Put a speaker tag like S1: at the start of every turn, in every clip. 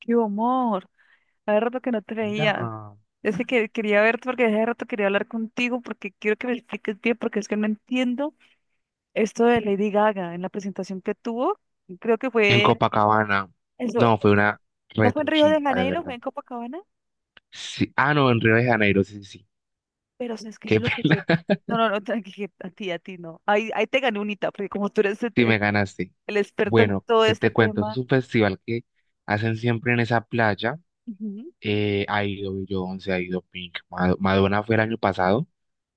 S1: ¡Qué amor! Hace rato que no te veía.
S2: ¿Verdad?
S1: Es que quería verte porque hace rato quería hablar contigo porque quiero que me expliques bien porque es que no entiendo esto de Lady Gaga en la presentación que tuvo. Creo que
S2: En
S1: fue
S2: Copacabana.
S1: eso,
S2: No, fue una
S1: no fue en Río de
S2: retrochimpa, de
S1: Janeiro, fue
S2: verdad.
S1: en Copacabana,
S2: Sí. Ah, no, en Río de Janeiro, sí, sí, sí.
S1: pero o sea, es que
S2: Qué
S1: yo
S2: pena.
S1: No, no, no, tranqui, a ti no. Ahí, ahí te gané unita porque como tú eres
S2: Sí me ganaste.
S1: el experto en
S2: Bueno,
S1: todo
S2: ¿qué
S1: este
S2: te cuento? Es
S1: tema.
S2: un festival que hacen siempre en esa playa.
S1: Ujú,
S2: Ha ido Beyoncé, ha ido Pink. Madonna fue el año pasado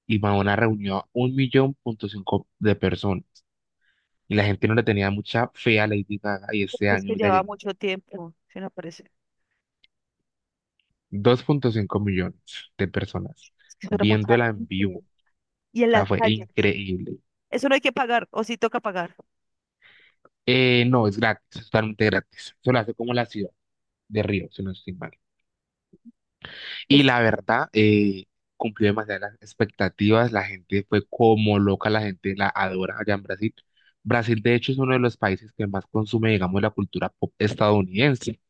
S2: y Madonna reunió a un millón punto cinco de personas. Y la gente no le tenía mucha fe a Lady Gaga y este
S1: porque es que
S2: año ya
S1: lleva
S2: llenó
S1: mucho tiempo, se me parece.
S2: dos punto cinco millones de personas
S1: Es que eso era mucha
S2: viéndola en vivo.
S1: gente y
S2: O
S1: en
S2: sea,
S1: las
S2: fue
S1: calles.
S2: increíble.
S1: Eso no hay que pagar, o sí toca pagar.
S2: No, es gratis, es totalmente gratis. Eso lo hace como la ciudad de Río, si no estoy mal. Y
S1: Es
S2: la verdad, cumplió demasiadas las expectativas. La gente fue como loca, la gente la adora allá en Brasil. Brasil, de hecho, es uno de los países que más consume, digamos, la cultura pop estadounidense,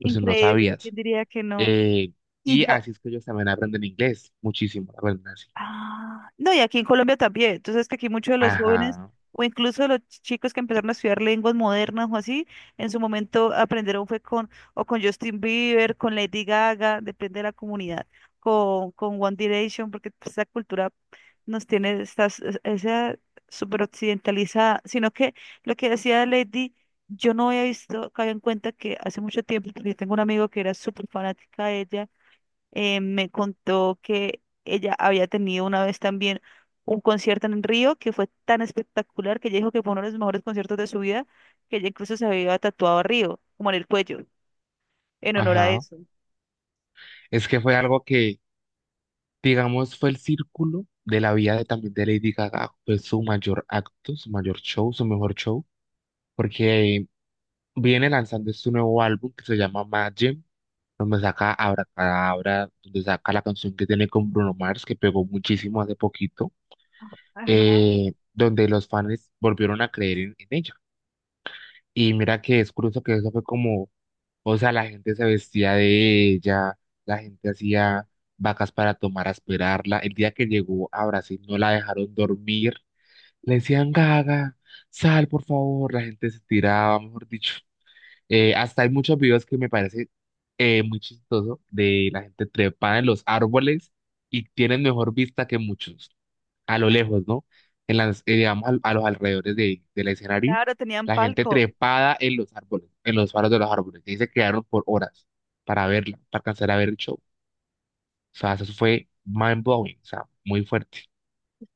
S2: por si no
S1: ¿quién
S2: sabías.
S1: diría que no?
S2: Eh,
S1: Y
S2: y
S1: ya,
S2: así es que ellos también aprenden inglés, muchísimo, aprenden así.
S1: ah, no, y aquí en Colombia también. Entonces, que aquí muchos de los jóvenes
S2: Ajá,
S1: o incluso los chicos que empezaron a estudiar lenguas modernas o así, en su momento aprendieron fue con o con Justin Bieber, con Lady Gaga, depende de la comunidad, con One Direction, porque pues, esa cultura nos tiene, esa súper occidentalizada, sino que lo que decía Lady, yo no había visto, caí en cuenta que hace mucho tiempo, porque yo tengo un amigo que era súper fanática de ella. Me contó que ella había tenido una vez también un concierto en Río que fue tan espectacular que ella dijo que fue uno de los mejores conciertos de su vida, que ella incluso se había tatuado a Río, como en el cuello, en honor a
S2: ajá.
S1: eso.
S2: Es que fue algo que digamos, fue el círculo de la vida de, también de Lady Gaga, fue su mayor acto, su mayor show, su mejor show, porque viene lanzando este nuevo álbum que se llama Mad Gym, donde saca Abracadabra, donde saca la canción que tiene con Bruno Mars, que pegó muchísimo hace poquito,
S1: Ajá.
S2: donde los fans volvieron a creer en ella. Y mira que es curioso que eso fue como, o sea, la gente se vestía de ella, la gente hacía vacas para tomar a esperarla. El día que llegó a Brasil no la dejaron dormir. Le decían, Gaga, sal por favor. La gente se tiraba, mejor dicho. Hasta hay muchos videos que me parece muy chistoso, de la gente trepada en los árboles y tienen mejor vista que muchos a lo lejos, ¿no? En las, digamos, a los alrededores de, del escenario,
S1: Claro, tenían
S2: la gente
S1: palco.
S2: trepada en los árboles, en los faros de los árboles, y se quedaron por horas para verla, para alcanzar a ver el show. O sea, eso fue mind blowing, o sea, muy fuerte.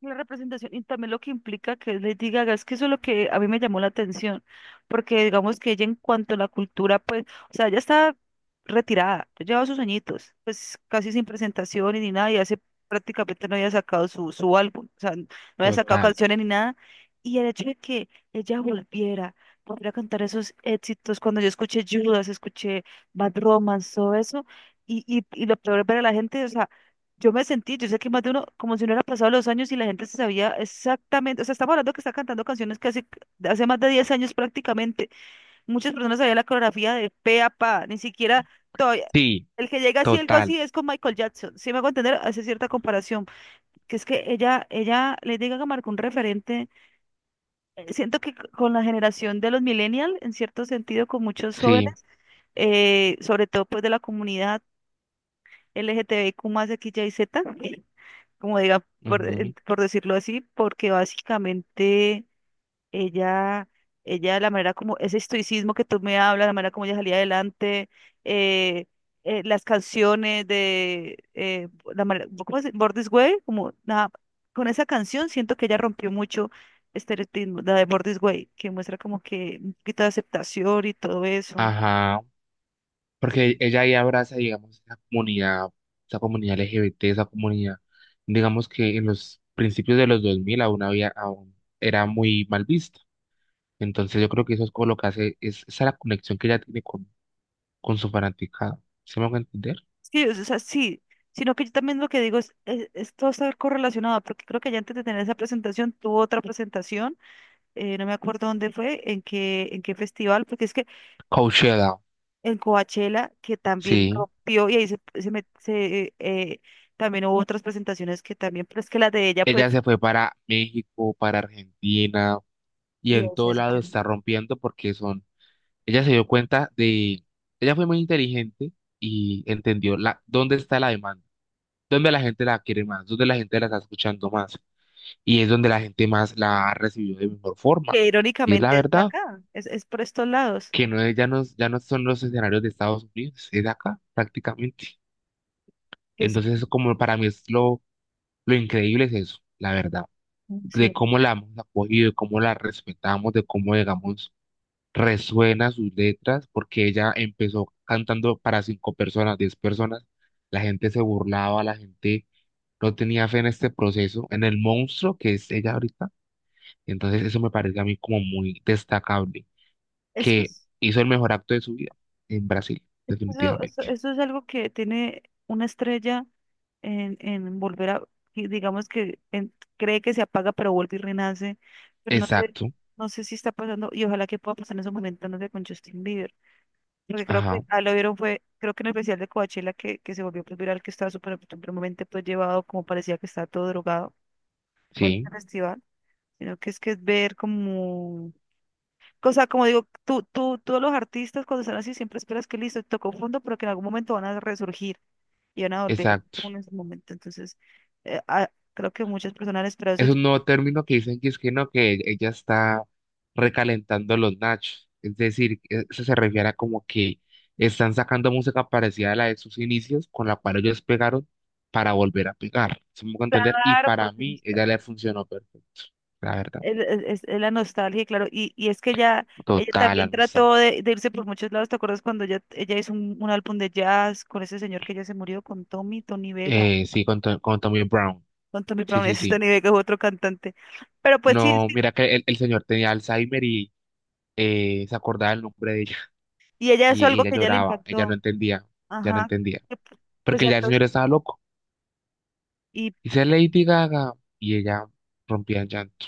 S1: La representación y también lo que implica que es Lady Gaga, es que eso es lo que a mí me llamó la atención, porque digamos que ella en cuanto a la cultura, pues, o sea, ella está retirada, ya lleva sus añitos, pues casi sin presentaciones ni nada, y hace prácticamente no había sacado su álbum, o sea, no había sacado
S2: Total.
S1: canciones ni nada, y el hecho de que ella volviera, volviera a cantar esos éxitos. Cuando yo escuché Judas, escuché Bad Romance, todo eso, y lo peor es ver a la gente, o sea, yo me sentí, yo sé que más de uno, como si no hubieran pasado los años y la gente se sabía exactamente, o sea, estamos hablando que está cantando canciones que hace más de 10 años prácticamente. Muchas personas sabían la coreografía de pe a pa, ni siquiera todavía,
S2: Sí,
S1: el que llega así, algo
S2: total.
S1: así, es con Michael Jackson, si me hago entender, hace cierta comparación, que es que ella, le diga que marcó un referente. Siento que con la generación de los millennials, en cierto sentido, con muchos
S2: Sí.
S1: jóvenes, sobre todo pues de la comunidad LGTBIQ más XYZ, como diga,
S2: Ujú.
S1: por decirlo así, porque básicamente ella, ella, la manera como, ese estoicismo que tú me hablas, la manera como ella salía adelante, eh, las canciones de, la manera, ¿cómo se dice? ¿Born This Way? Como, nada, con esa canción siento que ella rompió mucho este estereotipo, la de Born This Way, que muestra como que un poquito de aceptación y todo eso.
S2: Ajá. Porque ella ahí abraza, digamos, esa comunidad LGBT, esa comunidad, digamos que en los principios de los 2000 aún había, aún era muy mal vista. Entonces yo creo que eso es como lo que hace, es esa la conexión que ella tiene con su fanaticada. ¿Se me va a entender?
S1: Sí, o sea, sí, sino que yo también lo que digo es todo está correlacionado, porque creo que ya antes de tener esa presentación tuvo otra presentación. No me acuerdo dónde fue, en qué festival, porque es que
S2: Coachella,
S1: en Coachella, que también
S2: sí.
S1: rompió, y ahí también hubo otras presentaciones que también, pero es que las de ella,
S2: Ella
S1: pues,
S2: se fue para México, para Argentina y
S1: y
S2: en
S1: es
S2: todo
S1: eso,
S2: lado está rompiendo porque son, ella se dio cuenta de, ella fue muy inteligente y entendió la, dónde está la demanda, dónde la gente la quiere más, dónde la gente la está escuchando más y es donde la gente más la ha recibido de mejor forma.
S1: que
S2: Y es la
S1: irónicamente es
S2: verdad.
S1: acá, es por estos lados,
S2: Que no es, ya no, ya no son los escenarios de Estados Unidos, es de acá prácticamente.
S1: que es,
S2: Entonces, eso como para mí es lo increíble es eso, la verdad,
S1: sí,
S2: de cómo la hemos acogido, de cómo la respetamos, de cómo, digamos, resuena sus letras, porque ella empezó cantando para cinco personas, diez personas, la gente se burlaba, la gente no tenía fe en este proceso, en el monstruo que es ella ahorita. Entonces, eso me parece a mí como muy destacable.
S1: es que
S2: Que
S1: es-
S2: hizo el mejor acto de su vida en Brasil,
S1: eso, eso,
S2: definitivamente.
S1: eso es algo que tiene una estrella en volver a, y digamos que cree que se apaga, pero vuelve y renace, pero no,
S2: Exacto,
S1: no sé si está pasando, y ojalá que pueda pasar en esos momentos, no sé, con Justin Bieber, porque creo que
S2: ajá,
S1: lo vieron fue, creo que en el especial de Coachella que se volvió pues, viral, que estaba súper supremamente pues llevado, como parecía que estaba todo drogado, bueno, en
S2: sí,
S1: el festival, sino que es ver como o sea, como digo, tú los artistas cuando están así siempre esperas que listo, tocó fondo, pero que en algún momento van a resurgir y van a volver
S2: exacto.
S1: en ese momento. Entonces, creo que muchas personas esperan eso.
S2: Es
S1: Yo...
S2: un nuevo término que dicen que es que no, que ella está recalentando los nachos. Es decir, eso se refiere a como que están sacando música parecida a la de sus inicios, con la cual ellos pegaron para volver a pegar. ¿Se me hago entender? Y
S1: Claro,
S2: para
S1: porque
S2: mí, ella le funcionó perfecto, la verdad.
S1: es la nostalgia, y claro. Y es que ella
S2: Total, la
S1: también
S2: nostalgia.
S1: trató de irse por muchos lados. ¿Te acuerdas cuando ella hizo un álbum de jazz con ese señor que ya se murió, con Tommy, Tony Vega?
S2: Sí, con, con Tommy Brown.
S1: Con Tommy
S2: Sí,
S1: Brown,
S2: sí,
S1: ese es
S2: sí.
S1: Tony Vega, es otro cantante. Pero pues sí,
S2: No, mira que el señor tenía Alzheimer y se acordaba el nombre de ella.
S1: y ella
S2: Y,
S1: eso
S2: y
S1: algo
S2: ella
S1: que ya le
S2: lloraba, ella no
S1: impactó.
S2: entendía, ya no
S1: Ajá.
S2: entendía,
S1: Que p- pues
S2: porque
S1: ya
S2: ya el
S1: todos...
S2: señor estaba loco.
S1: Y
S2: Dice Lady Gaga y ella rompía en llanto.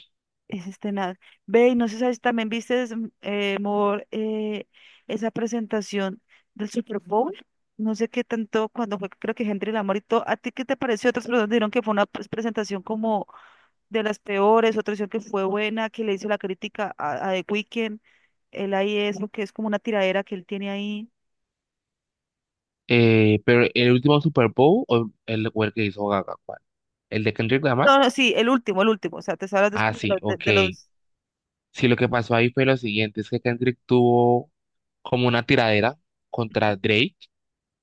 S1: es este nada. Ve, y no sé si también viste, Mor, esa presentación del Super Bowl. No sé qué tanto, cuando fue, creo que Henry Lamour y todo. ¿A ti qué te pareció? Otras personas dijeron que fue una pues, presentación como de las peores, otros dijeron que fue buena, que le hizo la crítica a The Weeknd. Él ahí es lo que es como una tiradera que él tiene ahí.
S2: Pero el último Super Bowl o el que hizo Gaga, ¿cuál? ¿El de Kendrick Lamar?
S1: No, no, sí, el último, el último. O sea, te hablas de,
S2: Ah,
S1: como de
S2: sí, ok.
S1: de los...
S2: Sí, lo que pasó ahí fue lo siguiente, es que Kendrick tuvo como una tiradera contra Drake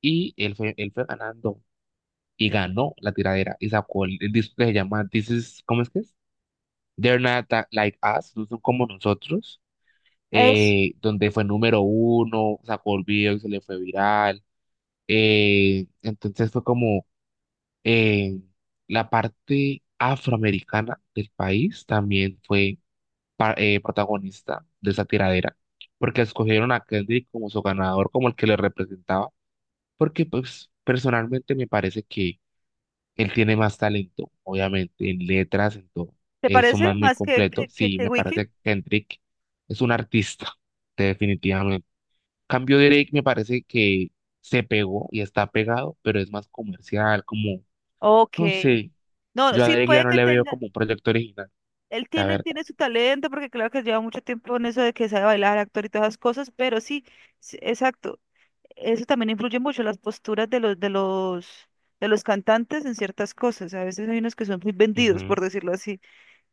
S2: y él fue ganando y ganó la tiradera y sacó el disco que se llama This is, ¿cómo es que es? They're Not Tha- Like Us, no son como nosotros,
S1: Es,
S2: donde fue número uno, sacó el video y se le fue viral. Entonces fue como eh, la parte afroamericana del país también fue protagonista de esa tiradera, porque escogieron a Kendrick como su ganador, como el que le representaba, porque pues personalmente me parece que él tiene más talento, obviamente, en letras, en todo.
S1: ¿te
S2: Es un
S1: parece
S2: man muy
S1: más
S2: completo. Sí,
S1: que
S2: me
S1: Weeknd?
S2: parece que Kendrick es un artista, definitivamente. Cambio Drake me parece que se pegó y está pegado, pero es más comercial, como,
S1: Ok.
S2: no sé,
S1: No,
S2: yo a
S1: sí
S2: Drake ya
S1: puede
S2: no
S1: que
S2: le veo
S1: tenga,
S2: como un proyecto original, la
S1: él
S2: verdad.
S1: tiene su talento, porque claro que lleva mucho tiempo en eso de que sabe bailar, actor y todas esas cosas, pero sí, sí, exacto. Eso también influye mucho las posturas de de los cantantes en ciertas cosas. A veces hay unos que son muy vendidos, por
S2: Ujú,
S1: decirlo así.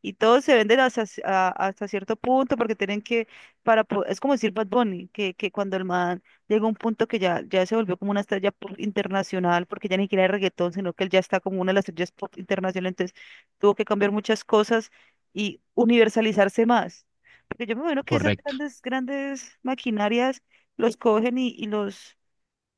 S1: Y todos se venden hasta, hasta cierto punto porque tienen que, es como decir Bad Bunny, que cuando el man llega a un punto que ya, ya se volvió como una estrella pop internacional, porque ya ni siquiera es reggaetón, sino que él ya está como una de las estrellas pop internacional, entonces tuvo que cambiar muchas cosas y universalizarse más. Porque yo me imagino que esas
S2: correcto,
S1: grandes maquinarias los cogen y los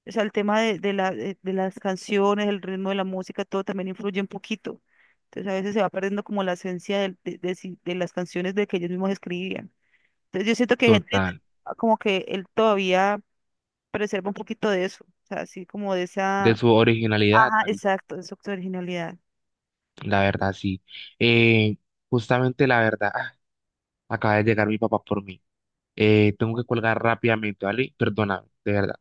S1: o sea, el tema de las canciones, el ritmo de la música, todo también influye un poquito. Entonces a veces se va perdiendo como la esencia del- de si- de las canciones de que ellos mismos escribían. Entonces yo siento que hay gente
S2: total.
S1: como que él todavía preserva un poquito de eso. O sea, así como de
S2: De
S1: esa...
S2: su originalidad,
S1: Ajá,
S2: Mari,
S1: exacto, de su originalidad.
S2: la verdad, sí. Eh, Justamente la verdad, acaba de llegar mi papá por mí. Tengo que colgar rápidamente, ¿vale? Perdóname, de verdad.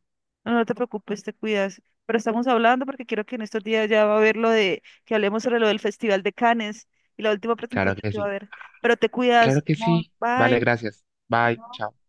S1: No, no te preocupes, te cuidas. Pero estamos hablando porque quiero que en estos días ya va a haber lo de que hablemos sobre lo del Festival de Cannes y la última
S2: Claro
S1: presentación
S2: que
S1: que va a
S2: sí.
S1: haber. Pero te
S2: Claro
S1: cuidas,
S2: que
S1: amor.
S2: sí. Vale,
S1: Bye.
S2: gracias. Bye.
S1: Chao.
S2: Chao.